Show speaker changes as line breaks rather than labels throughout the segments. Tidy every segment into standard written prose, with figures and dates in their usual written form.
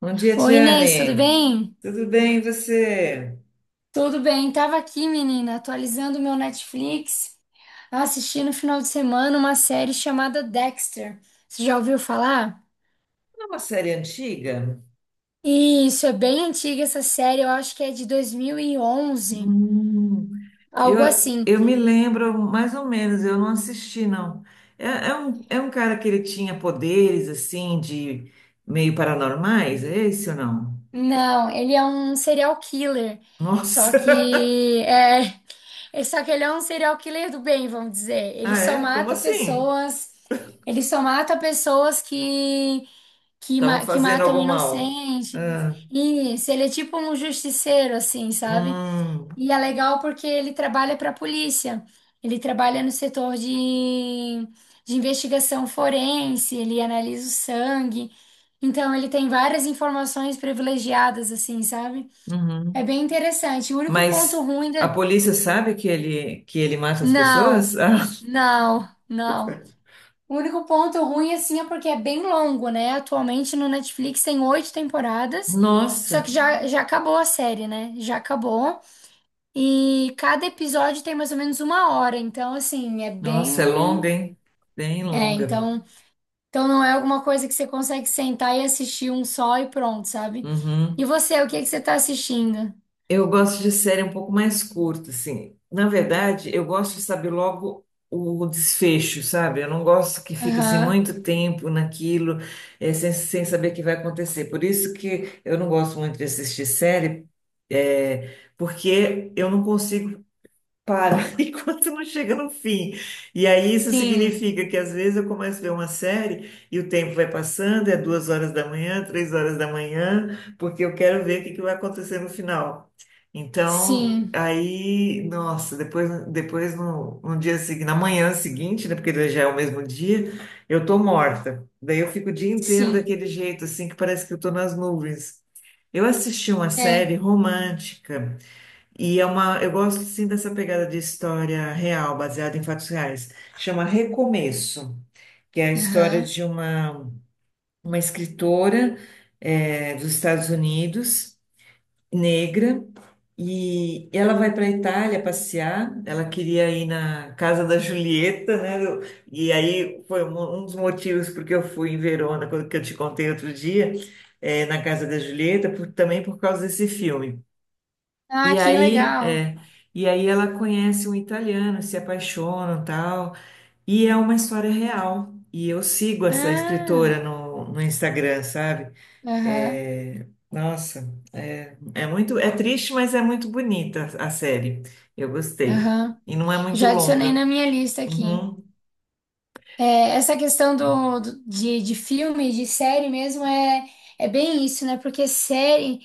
Bom dia,
Oi, Inês, tudo
Tiane.
bem?
Tudo bem, e você?
Tudo bem, tava aqui, menina, atualizando o meu Netflix, assisti no final de semana uma série chamada Dexter. Você já ouviu falar?
É uma série antiga?
Isso, é bem antiga essa série, eu acho que é de dois mil e onze,
Hum, eu,
algo assim.
eu me lembro mais ou menos, eu não assisti, não. É um cara que ele tinha poderes, assim, de meio paranormais, é esse ou não?
Não, ele é um serial killer, só
Nossa!
que é, só que ele é um serial killer do bem, vamos dizer. Ele
Ah,
só
é? Como
mata
assim?
pessoas, ele só mata pessoas
Estavam
que
fazendo
matam
algo mal?
inocentes.
Ah,
Isso, ele é tipo um justiceiro, assim, sabe?
hum,
E é legal porque ele trabalha para a polícia. Ele trabalha no setor de investigação forense, ele analisa o sangue. Então, ele tem várias informações privilegiadas, assim, sabe? É
uhum.
bem interessante. O único ponto
Mas
ruim
a
da.
polícia sabe que ele mata as
Não,
pessoas? Ah,
não, não. O único ponto ruim, assim, é porque é bem longo, né? Atualmente no Netflix tem oito temporadas, só que
nossa!
já acabou a série, né? Já acabou. E cada episódio tem mais ou menos uma hora, então, assim, é
Nossa, é longa,
bem.
hein? Bem
É,
longa.
então não é alguma coisa que você consegue sentar e assistir um só e pronto, sabe? E
Uhum.
você, o que que você tá assistindo?
Eu gosto de série um pouco mais curta, assim. Na verdade, eu gosto de saber logo o desfecho, sabe? Eu não gosto que fica assim
Aham.
muito tempo naquilo, sem saber o que vai acontecer. Por isso que eu não gosto muito de assistir série, porque eu não consigo. Para enquanto não chega no fim. E aí isso
Sim,
significa que às vezes eu começo a ver uma série e o tempo vai passando, é 2 horas da manhã, 3 horas da manhã, porque eu quero ver o que que vai acontecer no final. Então,
sim,
aí, nossa, depois, depois no, no dia seguinte, na manhã seguinte, né, porque já é o mesmo dia, eu tô morta. Daí eu fico o dia inteiro
sim.
daquele jeito, assim, que parece que eu tô nas nuvens. Eu assisti uma
É.
série romântica e eu gosto sim dessa pegada de história real, baseada em fatos reais. Chama Recomeço, que é a história
Aham.
uma escritora dos Estados Unidos, negra, e ela vai para a Itália passear. Ela queria ir na casa da Julieta, né? E aí foi um dos motivos porque eu fui em Verona, quando que eu te contei outro dia, na casa da Julieta, também por causa desse filme.
Ah,
E
que
aí,
legal.
é, e aí ela conhece um italiano, se apaixonam, tal, e é uma história real. E eu sigo essa
Ah,
escritora no Instagram, sabe?
aham.
É, nossa, é muito, é triste, mas é muito bonita a série. Eu gostei.
Aham.
E não é muito
Já adicionei
longa.
na minha lista aqui.
Uhum,
É, essa questão de filme, de série mesmo, é, é bem isso, né? Porque série,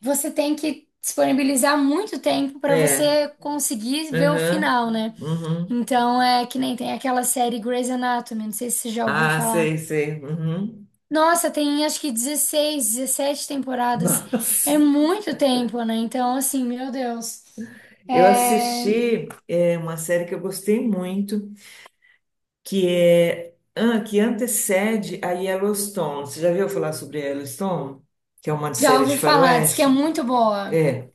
você tem que disponibilizar muito tempo para
é,
você conseguir ver o
uhum,
final, né?
uhum.
Então, é que nem tem aquela série Grey's Anatomy, não sei se você já ouviu
Ah,
falar.
sei, sei. Uhum.
Nossa, tem acho que 16 17 temporadas.
Nossa,
É muito tempo, né? Então, assim, meu Deus.
eu
É,
assisti uma série que eu gostei muito, que antecede a Yellowstone. Você já viu falar sobre Yellowstone? Que é uma
já
série
ouvi
de
falar, diz que é
faroeste?
muito boa.
É.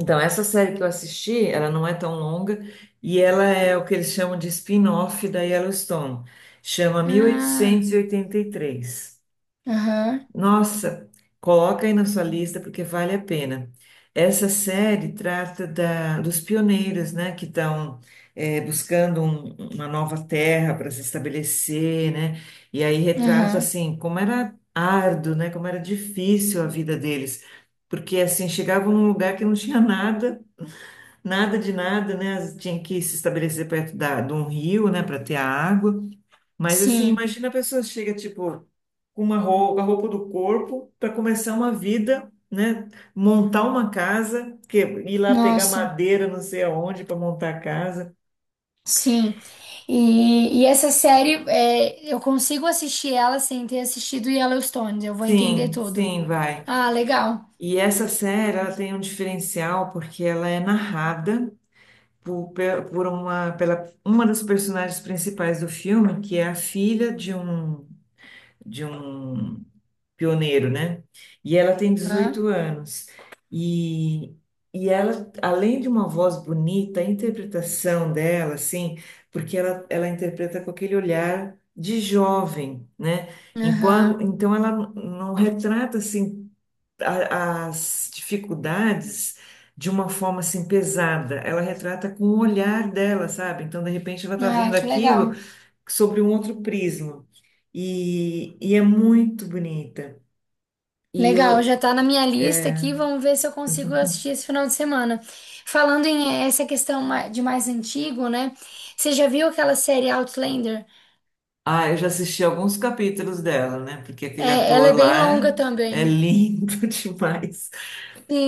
Então, essa série que eu assisti, ela não é tão longa e ela é o que eles chamam de spin-off da Yellowstone. Chama
Ah.
1883.
Aham,
Nossa, coloca aí na sua lista porque vale a pena. Essa série trata dos pioneiros, né, que estão buscando uma nova terra para se estabelecer, né? E aí retrata
aham,
assim como era árduo, né, como era difícil a vida deles, porque assim chegavam num lugar que não tinha nada, nada de nada, né? Tinha que se estabelecer perto de um rio, né, para ter a água. Mas assim,
sim,
imagina a pessoa chega, tipo, com uma roupa, a roupa do corpo, para começar uma vida, né? Montar uma casa, que, ir lá pegar
nossa,
madeira, não sei aonde, para montar a casa.
sim. E essa série, é, eu consigo assistir ela sem ter assistido Yellowstone, eu vou entender
Sim,
tudo.
sim, vai.
Ah, legal.
E essa série, ela tem um diferencial porque ela é narrada por uma das personagens principais do filme, que é a filha de um pioneiro, né? E ela tem
Aham,
18 anos. E, e ela, além de uma voz bonita, a interpretação dela, assim, porque ela interpreta com aquele olhar de jovem, né? Enquanto,
aham.
então ela não retrata, assim, as dificuldades de uma forma, assim, pesada. Ela retrata com o olhar dela, sabe? Então, de repente, ela tá
Ah,
vendo
que
aquilo
legal.
sobre um outro prisma. E é muito bonita. E
Legal, já
eu,
tá na minha lista aqui, vamos ver se eu consigo assistir esse final de semana. Falando em essa questão de mais antigo, né? Você já viu aquela série Outlander?
ah, eu já assisti alguns capítulos dela, né? Porque aquele
É, ela é
ator
bem
lá
longa
é
também.
lindo demais.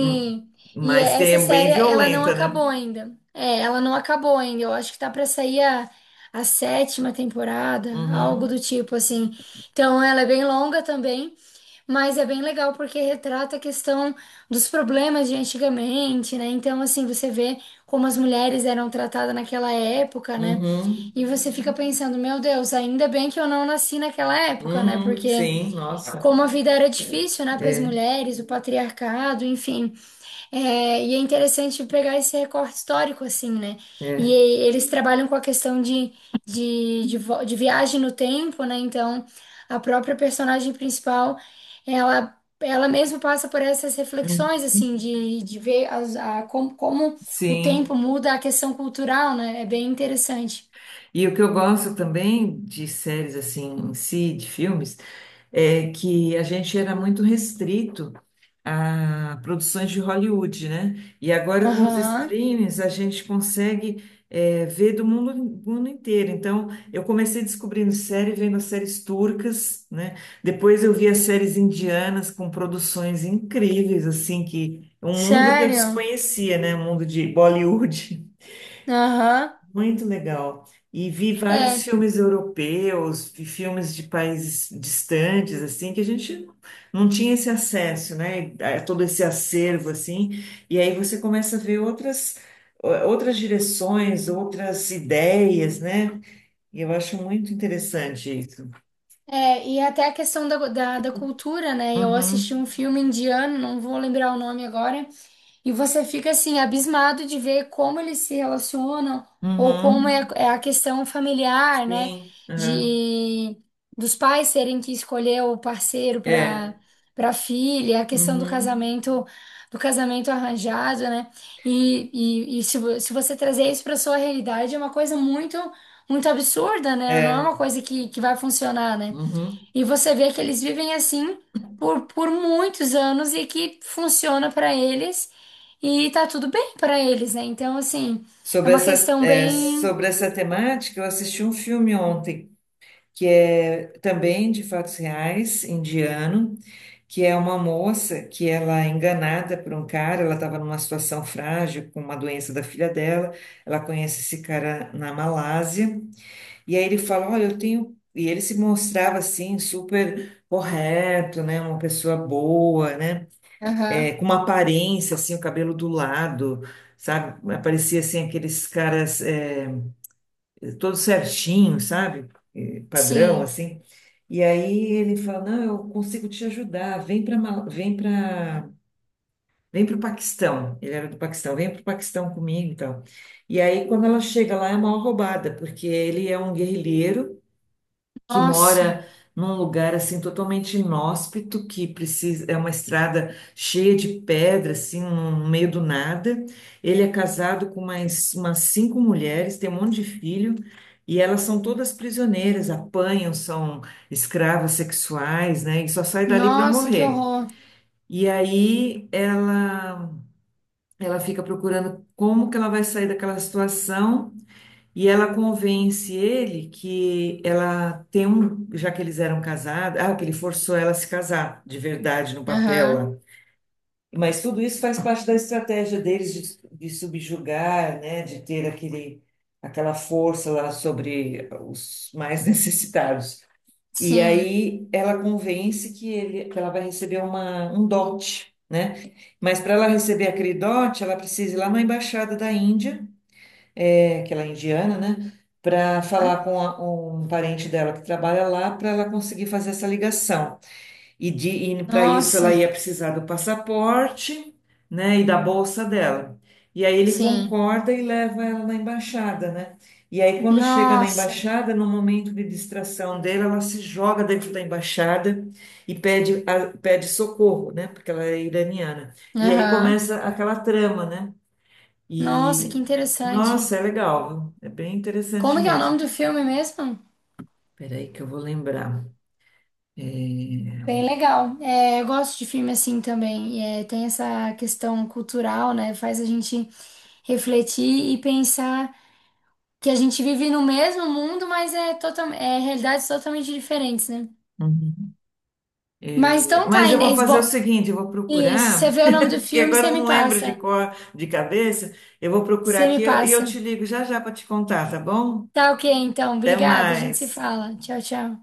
Hum, Mas tem,
essa
é
série
bem
ela não
violenta, né?
acabou ainda. É, ela não acabou ainda. Eu acho que tá pra sair a sétima temporada, algo
Uhum,
do tipo assim. Então ela é bem longa também, mas é bem legal porque retrata a questão dos problemas de antigamente, né? Então assim, você vê como as mulheres eram tratadas naquela época, né?
uhum,
E você fica pensando, meu Deus, ainda bem que eu não nasci naquela época, né?
uhum,
Porque
sim, nossa.
como a vida era difícil, né, para as
É,
mulheres, o patriarcado, enfim. É, e é interessante pegar esse recorte histórico, assim, né? E
é.
eles trabalham com a questão de viagem no tempo, né? Então, a própria personagem principal, ela mesma passa por essas
Uhum,
reflexões, assim, de ver como o tempo
sim.
muda a questão cultural, né? É bem interessante.
E o que eu gosto também de séries assim em si, de filmes, é que a gente era muito restrito a produções de Hollywood, né? E agora com os
Aham.
streams a gente consegue ver mundo inteiro. Então eu comecei descobrindo série, vendo as séries turcas, né? Depois eu vi as séries indianas com produções incríveis, assim, que um mundo que eu
Sério?
desconhecia, né? Um mundo de Bollywood.
Aham.
Muito legal. E vi vários
É.
filmes europeus, vi filmes de países distantes, assim, que a gente não tinha esse acesso, né? A todo esse acervo, assim. E aí você começa a ver outras direções, outras ideias, né? E eu acho muito interessante isso.
É, e até a questão da cultura, né? Eu assisti
Uhum,
um filme indiano, não vou lembrar o nome agora, e você fica assim, abismado de ver como eles se relacionam, ou como é,
uhum,
é a questão familiar, né?
sim, aham,
De dos pais terem que escolher o parceiro
é,
para filha, a questão
uhum,
do casamento arranjado, né? E, Se você trazer isso para sua realidade, é uma coisa muito, muito absurda, né? Não é
é,
uma coisa que vai funcionar, né?
uhum.
E você vê que eles vivem assim por muitos anos e que funciona pra eles e tá tudo bem pra eles, né? Então, assim, é
Sobre
uma
essa,
questão
é,
bem.
sobre essa temática, eu assisti um filme ontem que é também de fatos reais, indiano, que é uma moça que ela é enganada por um cara, ela estava numa situação frágil com uma doença da filha dela, ela conhece esse cara na Malásia, e aí ele fala, olha, eu tenho... E ele se mostrava assim, super correto, né? Uma pessoa boa, né?
Aham,
É, com uma aparência, assim, o cabelo do lado, sabe? Parecia assim aqueles caras, todo certinho, sabe? Padrão,
Sim.
assim. E aí ele fala, não, eu consigo te ajudar, vem para vem para o Paquistão. Ele era do Paquistão, vem para o Paquistão comigo e tal. E aí, quando ela chega lá, é uma roubada, porque ele é um guerrilheiro que
Nossa.
mora num lugar assim totalmente inóspito, que precisa é uma estrada cheia de pedra, assim, no meio do nada. Ele é casado com mais umas cinco mulheres, tem um monte de filho, e elas são todas prisioneiras, apanham, são escravas sexuais, né? E só sai dali para
Nossa, que
morrer.
horror.
E aí ela fica procurando como que ela vai sair daquela situação. E ela convence ele que ela tem um, já que eles eram casados, ah, que ele forçou ela a se casar, de verdade, no papel
Aham,
lá. Mas tudo isso faz parte da estratégia deles de subjugar, né, de ter aquela força lá sobre os mais necessitados. E
Sim.
aí ela convence que ele, que ela vai receber um dote, né? Mas para ela receber aquele dote, ela precisa ir lá na embaixada da Índia, aquela indiana, né? Para
Aham,
falar com um parente dela que trabalha lá, para ela conseguir fazer essa ligação. E para isso
Nossa.
ela ia precisar do passaporte, né? E da bolsa dela. E aí ele
Sim.
concorda e leva ela na embaixada, né? E aí quando chega na
Nossa.
embaixada, no momento de distração dela, ela se joga dentro da embaixada e pede, pede socorro, né? Porque ela é iraniana. E aí
Aham.
começa aquela trama, né?
Nossa, que
E,
interessante.
nossa, é legal, viu? É bem interessante
Como que é o
mesmo.
nome do filme mesmo?
Peraí que eu vou lembrar. É,
Bem legal. É, eu gosto de filme assim também. E, é, tem essa questão cultural, né? Faz a gente refletir e pensar que a gente vive no mesmo mundo, mas é, total, é realidades totalmente diferentes, né?
uhum.
Mas
É,
então tá,
mas eu vou
Inês.
fazer o
Bom,
seguinte, eu vou
isso.
procurar,
Você vê o nome do
porque
filme,
agora
você
eu não
me
lembro de
passa.
cor, de cabeça. Eu vou procurar
Você
aqui
me
e eu te
passa.
ligo já já para te contar, tá bom?
Tá ok, então.
Até
Obrigada, a gente se
mais.
fala. Tchau, tchau.